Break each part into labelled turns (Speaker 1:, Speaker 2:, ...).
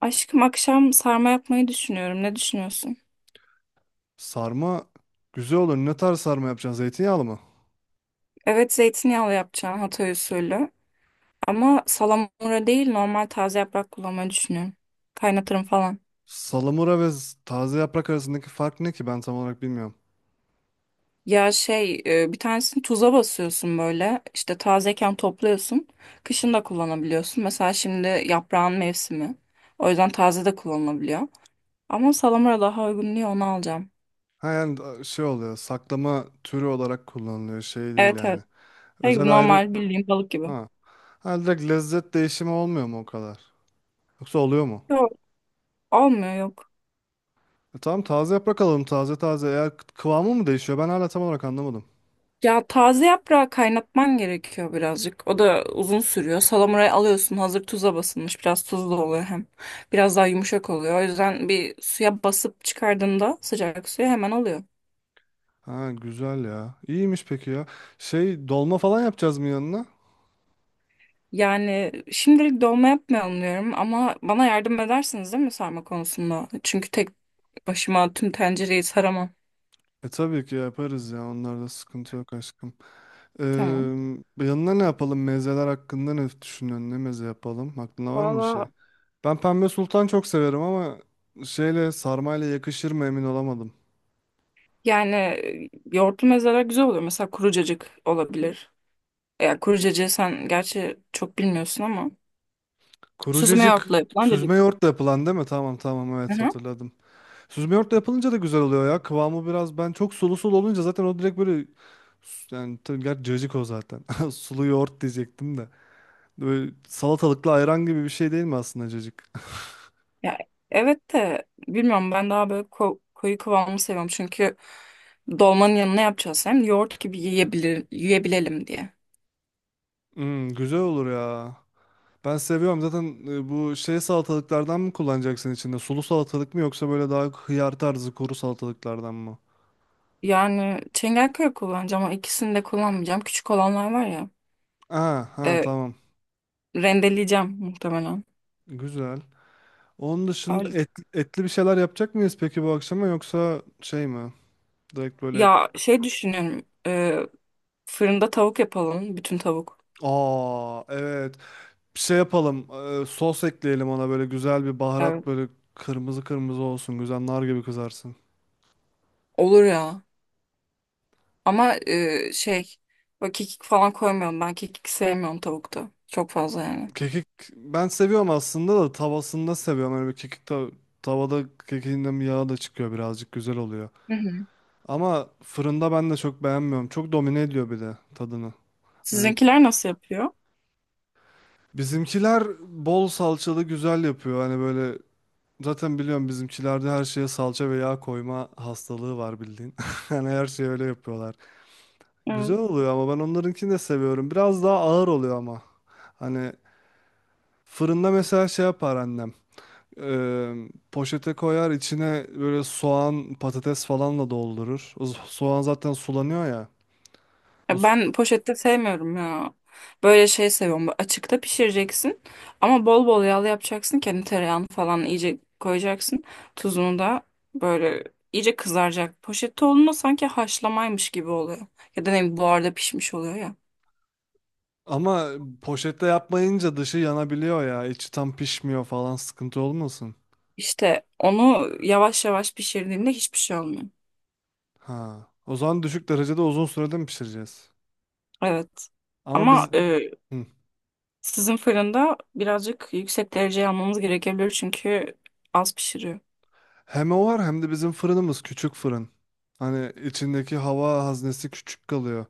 Speaker 1: Aşkım akşam sarma yapmayı düşünüyorum. Ne düşünüyorsun?
Speaker 2: Sarma güzel olur. Ne tarz sarma yapacaksın? Zeytinyağlı mı?
Speaker 1: Evet, zeytinyağlı yapacağım Hatay usulü. Ama salamura değil, normal taze yaprak kullanmayı düşünüyorum. Kaynatırım falan.
Speaker 2: Salamura ve taze yaprak arasındaki fark ne ki? Ben tam olarak bilmiyorum.
Speaker 1: Bir tanesini tuza basıyorsun böyle. İşte tazeyken topluyorsun. Kışın da kullanabiliyorsun. Mesela şimdi yaprağın mevsimi. O yüzden taze de kullanılabiliyor. Ama salamura daha uygun diye onu alacağım.
Speaker 2: Ha yani şey oluyor. Saklama türü olarak kullanılıyor. Şey değil
Speaker 1: Evet,
Speaker 2: yani.
Speaker 1: evet. Şey
Speaker 2: Özel
Speaker 1: gibi,
Speaker 2: ayrı.
Speaker 1: normal bildiğin balık gibi.
Speaker 2: Ha. Ha, direkt lezzet değişimi olmuyor mu o kadar? Yoksa oluyor mu?
Speaker 1: Yok, olmuyor, yok.
Speaker 2: E tamam, taze yaprak alalım, taze taze. Eğer kıvamı mı değişiyor? Ben hala tam olarak anlamadım.
Speaker 1: Ya taze yaprağı kaynatman gerekiyor birazcık. O da uzun sürüyor. Salamurayı alıyorsun, hazır tuza basılmış. Biraz tuzlu oluyor hem. Biraz daha yumuşak oluyor. O yüzden bir suya basıp çıkardığında sıcak suya hemen oluyor.
Speaker 2: Ha, güzel ya. İyiymiş peki ya. Şey, dolma falan yapacağız mı yanına?
Speaker 1: Yani şimdilik dolma yapmayalım diyorum, ama bana yardım edersiniz değil mi sarma konusunda? Çünkü tek başıma tüm tencereyi saramam.
Speaker 2: E tabii ki yaparız ya. Onlarda sıkıntı yok aşkım. Eee
Speaker 1: Tamam.
Speaker 2: yanına ne yapalım? Mezeler hakkında ne düşünüyorsun? Ne meze yapalım? Aklında var mı bir şey?
Speaker 1: Valla
Speaker 2: Ben pembe sultan çok severim ama şeyle, sarmayla yakışır mı emin olamadım.
Speaker 1: Yoğurtlu mezeler güzel oluyor. Mesela kuru cacık olabilir. Yani kuru cacığı sen gerçi çok bilmiyorsun ama.
Speaker 2: Kuru
Speaker 1: Süzme
Speaker 2: Kurucacık.
Speaker 1: yoğurtla yapılan
Speaker 2: Süzme
Speaker 1: cacık.
Speaker 2: yoğurtla yapılan değil mi? Tamam tamam,
Speaker 1: Hı
Speaker 2: evet,
Speaker 1: hı.
Speaker 2: hatırladım. Süzme yoğurtla yapılınca da güzel oluyor ya. Kıvamı biraz, ben çok sulu sulu olunca zaten o direkt böyle yani tabii gerçi cacık o zaten. Sulu yoğurt diyecektim de. Böyle salatalıklı ayran gibi bir şey değil mi aslında cacık?
Speaker 1: Ya, evet de bilmiyorum, ben daha böyle koyu kıvamı seviyorum. Çünkü dolmanın yanına yapacağız hem yoğurt gibi yiyebilir, yiyebilelim diye.
Speaker 2: Hmm, güzel olur ya. Ben seviyorum zaten bu şey salatalıklardan mı kullanacaksın içinde? Sulu salatalık mı, yoksa böyle daha hıyar tarzı kuru salatalıklardan mı?
Speaker 1: Yani Çengelköy kullanacağım ama ikisini de kullanmayacağım. Küçük olanlar var ya.
Speaker 2: Aa, ha,
Speaker 1: e,
Speaker 2: tamam.
Speaker 1: Rendeleyeceğim muhtemelen.
Speaker 2: Güzel. Onun dışında
Speaker 1: Öyle.
Speaker 2: et, etli bir şeyler yapacak mıyız peki bu akşama, yoksa şey mi? Direkt böyle,
Speaker 1: Ya şey düşünüyorum. Fırında tavuk yapalım. Bütün tavuk.
Speaker 2: aa evet, bir şey yapalım. Sos ekleyelim ona, böyle güzel bir
Speaker 1: Evet.
Speaker 2: baharat, böyle kırmızı kırmızı olsun. Güzel nar gibi kızarsın.
Speaker 1: Olur ya. Ama böyle kekik falan koymayalım. Ben kekik sevmiyorum tavukta. Çok fazla yani.
Speaker 2: Kekik ben seviyorum aslında, da tavasında seviyorum. Öyle bir kekik tavada kekiğinden bir yağ da çıkıyor birazcık, güzel oluyor. Ama fırında ben de çok beğenmiyorum. Çok domine ediyor bir de tadını. Hani
Speaker 1: Sizinkiler nasıl yapıyor?
Speaker 2: bizimkiler bol salçalı güzel yapıyor. Hani böyle, zaten biliyorum, bizimkilerde her şeye salça ve yağ koyma hastalığı var bildiğin. Hani her şeyi öyle yapıyorlar. Güzel
Speaker 1: Evet.
Speaker 2: oluyor ama ben onlarınkini de seviyorum. Biraz daha ağır oluyor ama. Hani fırında mesela şey yapar annem. Eee, Poşete koyar, içine böyle soğan patates falanla doldurur. O soğan zaten sulanıyor ya. O
Speaker 1: Ya,
Speaker 2: s-
Speaker 1: ben poşette sevmiyorum ya. Böyle şey seviyorum. Böyle açıkta pişireceksin ama bol bol yağlı yapacaksın. Kendi tereyağını falan iyice koyacaksın. Tuzunu da böyle iyice kızaracak. Poşette olduğunda sanki haşlamaymış gibi oluyor. Ya da ne bileyim, buharda pişmiş oluyor ya.
Speaker 2: Ama poşette yapmayınca dışı yanabiliyor ya. İçi tam pişmiyor falan, sıkıntı olmasın.
Speaker 1: İşte onu yavaş yavaş pişirdiğinde hiçbir şey olmuyor.
Speaker 2: Ha. O zaman düşük derecede uzun sürede mi pişireceğiz?
Speaker 1: Evet.
Speaker 2: Ama
Speaker 1: Ama
Speaker 2: biz,
Speaker 1: e,
Speaker 2: hı,
Speaker 1: sizin fırında birazcık yüksek dereceye almamız gerekebilir çünkü az pişiriyor.
Speaker 2: hem o var hem de bizim fırınımız küçük fırın. Hani içindeki hava haznesi küçük kalıyor.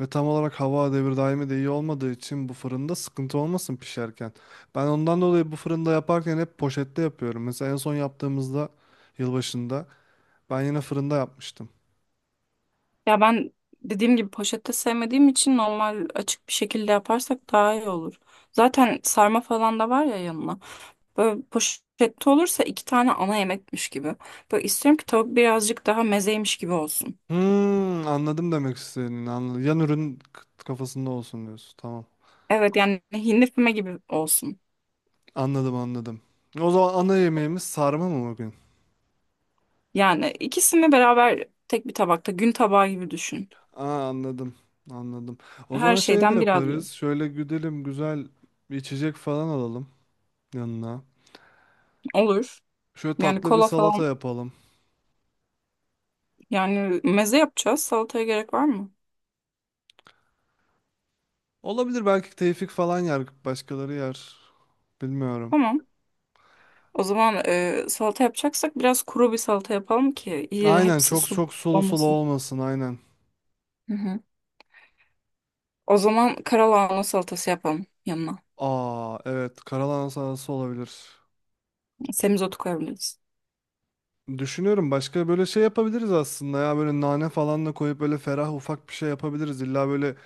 Speaker 2: Ve tam olarak hava devir daimi de iyi olmadığı için bu fırında sıkıntı olmasın pişerken. Ben ondan dolayı bu fırında yaparken hep poşette yapıyorum. Mesela en son yaptığımızda, yılbaşında, ben yine fırında yapmıştım.
Speaker 1: Ya ben dediğim gibi poşette sevmediğim için normal açık bir şekilde yaparsak daha iyi olur. Zaten sarma falan da var ya yanına. Böyle poşette olursa iki tane ana yemekmiş gibi. Böyle istiyorum ki tavuk birazcık daha mezeymiş gibi olsun.
Speaker 2: Hmm, anladım demek istediğini. Anladım. Yan ürün kafasında olsun diyorsun. Tamam.
Speaker 1: Evet, yani hindi füme gibi olsun.
Speaker 2: Anladım anladım. O zaman ana yemeğimiz sarma mı bugün?
Speaker 1: Yani ikisini beraber tek bir tabakta gün tabağı gibi düşün.
Speaker 2: Aa, anladım. Anladım. O
Speaker 1: Her
Speaker 2: zaman şey de
Speaker 1: şeyden biraz yiyor.
Speaker 2: yaparız. Şöyle güdelim, güzel bir içecek falan alalım yanına.
Speaker 1: Olur.
Speaker 2: Şöyle
Speaker 1: Yani
Speaker 2: tatlı bir
Speaker 1: kola falan,
Speaker 2: salata yapalım.
Speaker 1: yani meze yapacağız. Salataya gerek var mı?
Speaker 2: Olabilir, belki Tevfik falan yer. Başkaları yer. Bilmiyorum.
Speaker 1: Tamam. O zaman salata yapacaksak biraz kuru bir salata yapalım ki iyice
Speaker 2: Aynen,
Speaker 1: hepsi
Speaker 2: çok
Speaker 1: su
Speaker 2: çok sulu sulu
Speaker 1: olmasın.
Speaker 2: olmasın, aynen.
Speaker 1: Hı hı. O zaman karalahana salatası yapalım yanına.
Speaker 2: Aa evet, karalahana salatası olabilir.
Speaker 1: Semizotu koyabiliriz.
Speaker 2: Düşünüyorum, başka böyle şey yapabiliriz aslında ya, böyle nane falan da koyup böyle ferah ufak bir şey yapabiliriz. İlla böyle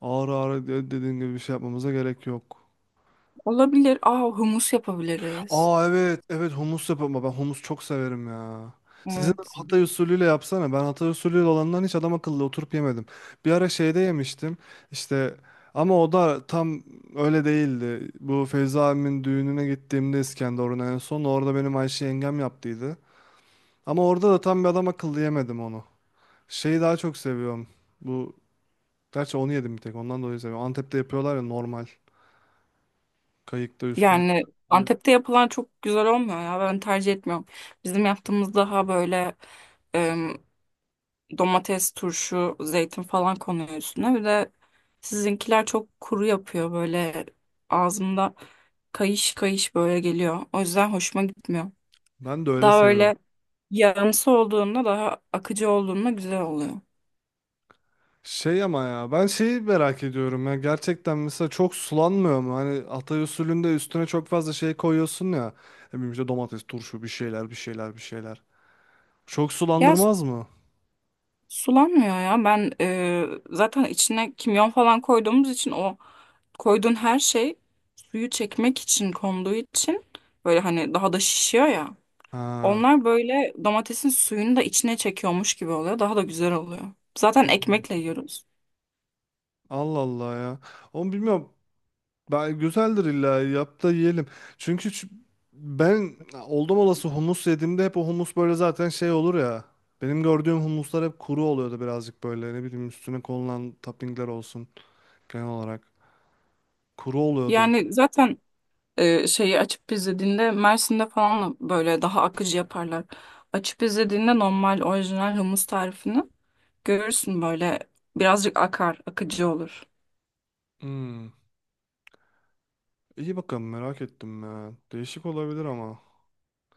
Speaker 2: ağır ağır dediğin gibi bir şey yapmamıza gerek yok.
Speaker 1: Olabilir. Aa, humus yapabiliriz.
Speaker 2: Aa evet evet, humus yapma, ben humus çok severim ya. Sizin
Speaker 1: Evet.
Speaker 2: Hatay usulüyle yapsana. Ben Hatay usulüyle olandan hiç adam akıllı oturup yemedim. Bir ara şeyde yemiştim işte, ama o da tam öyle değildi. Bu Feyza abimin düğününe gittiğimde İskenderun'a, en son orada benim Ayşe yengem yaptıydı. Ama orada da tam bir adam akıllı yemedim onu. Şeyi daha çok seviyorum. Bu, gerçi onu yedim bir tek ondan dolayı seviyorum. Antep'te yapıyorlar ya normal, kayıkta üstüne.
Speaker 1: Yani Antep'te yapılan çok güzel olmuyor ya. Ben tercih etmiyorum. Bizim yaptığımız daha böyle domates, turşu, zeytin falan konuyor üstüne. Bir de sizinkiler çok kuru yapıyor, böyle ağzımda kayış kayış böyle geliyor. O yüzden hoşuma gitmiyor.
Speaker 2: Ben de öyle
Speaker 1: Daha
Speaker 2: seviyorum.
Speaker 1: öyle yağımsı olduğunda, daha akıcı olduğunda güzel oluyor.
Speaker 2: Şey ama ya, ben şeyi merak ediyorum ya gerçekten, mesela çok sulanmıyor mu? Hani Hatay usulünde üstüne çok fazla şey koyuyorsun ya. Ne bileyim işte domates, turşu, bir şeyler bir şeyler bir şeyler. Çok
Speaker 1: Ya su-
Speaker 2: sulandırmaz mı?
Speaker 1: sulanmıyor ya, ben zaten içine kimyon falan koyduğumuz için o, koyduğun her şey suyu çekmek için konduğu için böyle hani daha da şişiyor ya.
Speaker 2: Ha.
Speaker 1: Onlar böyle domatesin suyunu da içine çekiyormuş gibi oluyor. Daha da güzel oluyor. Zaten ekmekle yiyoruz.
Speaker 2: Allah Allah ya. Onu bilmiyorum. Ben, güzeldir illa, yap da yiyelim. Çünkü ben oldum olası humus yediğimde hep o humus böyle zaten şey olur ya. Benim gördüğüm humuslar hep kuru oluyordu birazcık böyle. Ne bileyim, üstüne konulan toppingler olsun genel olarak. Kuru oluyordu.
Speaker 1: Yani zaten şeyi açıp izlediğinde Mersin'de falan böyle daha akıcı yaparlar. Açıp izlediğinde normal orijinal humus tarifini görürsün, böyle birazcık akar, akıcı olur.
Speaker 2: Hmm. İyi bakalım, merak ettim ya. Değişik olabilir ama.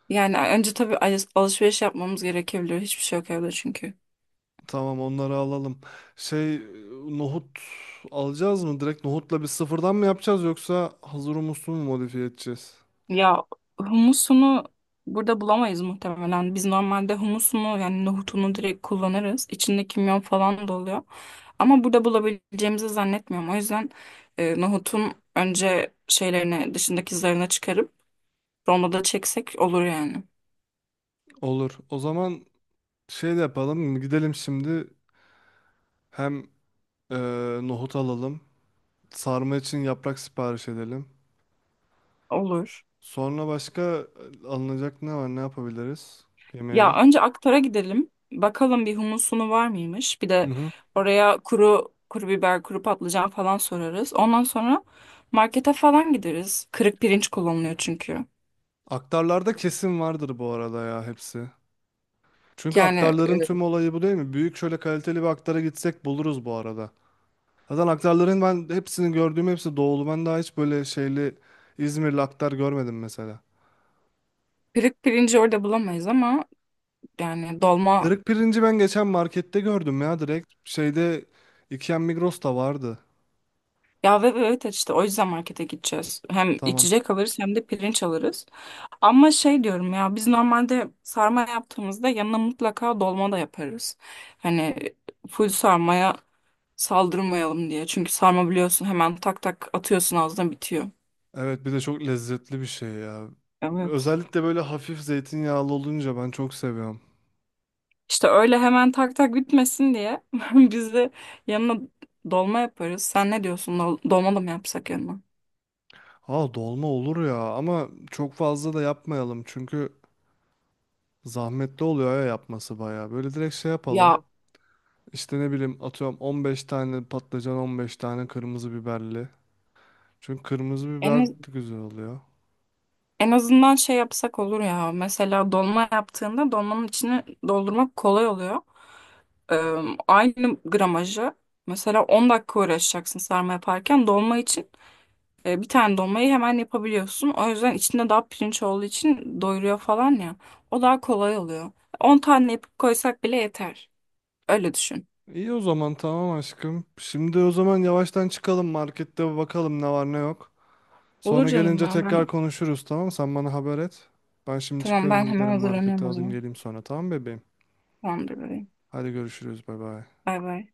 Speaker 1: Yani önce tabii alışveriş yapmamız gerekebilir. Hiçbir şey yok evde çünkü.
Speaker 2: Tamam, onları alalım. Şey nohut alacağız mı? Direkt nohutla bir sıfırdan mı yapacağız, yoksa hazır humusu mu modifiye edeceğiz?
Speaker 1: Ya, humusunu burada bulamayız muhtemelen. Biz normalde humusunu, yani nohutunu direkt kullanırız. İçinde kimyon falan da oluyor. Ama burada bulabileceğimizi zannetmiyorum. O yüzden nohutun önce şeylerini dışındaki zarına çıkarıp rondoda çeksek olur yani.
Speaker 2: Olur. O zaman şey de yapalım. Gidelim şimdi, hem e, nohut alalım. Sarma için yaprak sipariş edelim.
Speaker 1: Olur.
Speaker 2: Sonra başka alınacak ne var? Ne yapabiliriz?
Speaker 1: Ya
Speaker 2: Yemeğe.
Speaker 1: önce Aktar'a gidelim. Bakalım bir humusunu var mıymış. Bir
Speaker 2: Hı
Speaker 1: de
Speaker 2: hı.
Speaker 1: oraya kuru kuru biber, kuru patlıcan falan sorarız. Ondan sonra markete falan gideriz. Kırık pirinç kullanılıyor çünkü.
Speaker 2: Aktarlarda kesin vardır bu arada ya hepsi. Çünkü
Speaker 1: Yani e,
Speaker 2: aktarların tüm olayı bu değil mi? Büyük şöyle kaliteli bir aktara gitsek buluruz bu arada. Zaten aktarların ben hepsini gördüğüm hepsi doğulu. Ben daha hiç böyle şeyli İzmirli aktar görmedim mesela.
Speaker 1: kırık pirinci orada bulamayız ama yani dolma.
Speaker 2: Dırık pirinci ben geçen markette gördüm ya direkt. Şeyde, Ikea Migros'ta vardı.
Speaker 1: Ya ve evet evet işte o yüzden markete gideceğiz. Hem
Speaker 2: Tamam.
Speaker 1: içecek alırız hem de pirinç alırız. Ama şey diyorum ya, biz normalde sarma yaptığımızda yanına mutlaka dolma da yaparız. Hani full sarmaya saldırmayalım diye. Çünkü sarma biliyorsun, hemen tak tak atıyorsun ağzına, bitiyor.
Speaker 2: Evet, bir de çok lezzetli bir şey ya.
Speaker 1: Evet.
Speaker 2: Özellikle böyle hafif zeytinyağlı olunca ben çok seviyorum.
Speaker 1: İşte öyle hemen tak tak bitmesin diye biz de yanına dolma yaparız. Sen ne diyorsun? Dolma da mı yapsak yanına?
Speaker 2: Aa dolma olur ya, ama çok fazla da yapmayalım çünkü zahmetli oluyor ya yapması bayağı. Böyle direkt şey yapalım.
Speaker 1: Ya
Speaker 2: İşte ne bileyim, atıyorum 15 tane patlıcan, 15 tane kırmızı biberli. Çünkü kırmızı biber
Speaker 1: en
Speaker 2: de güzel oluyor.
Speaker 1: En azından şey yapsak olur ya. Mesela dolma yaptığında dolmanın içini doldurmak kolay oluyor. Ee, Aynı gramajı mesela 10 dakika uğraşacaksın sarma yaparken dolma için bir tane dolmayı hemen yapabiliyorsun. O yüzden içinde daha pirinç olduğu için doyuruyor falan ya. O daha kolay oluyor. 10 tane yapıp koysak bile yeter. Öyle düşün.
Speaker 2: İyi o zaman, tamam aşkım. Şimdi o zaman yavaştan çıkalım, markette bakalım ne var ne yok.
Speaker 1: Olur
Speaker 2: Sonra
Speaker 1: canım,
Speaker 2: gelince
Speaker 1: ya
Speaker 2: tekrar
Speaker 1: ben.
Speaker 2: konuşuruz, tamam. Sen bana haber et. Ben şimdi
Speaker 1: Tamam, ben
Speaker 2: çıkıyorum,
Speaker 1: hemen
Speaker 2: giderim markete
Speaker 1: hazırlanıyorum o
Speaker 2: alayım
Speaker 1: zaman.
Speaker 2: geleyim sonra, tamam bebeğim.
Speaker 1: Tamamdır bebeğim.
Speaker 2: Hadi görüşürüz, bay bay.
Speaker 1: Bay bay.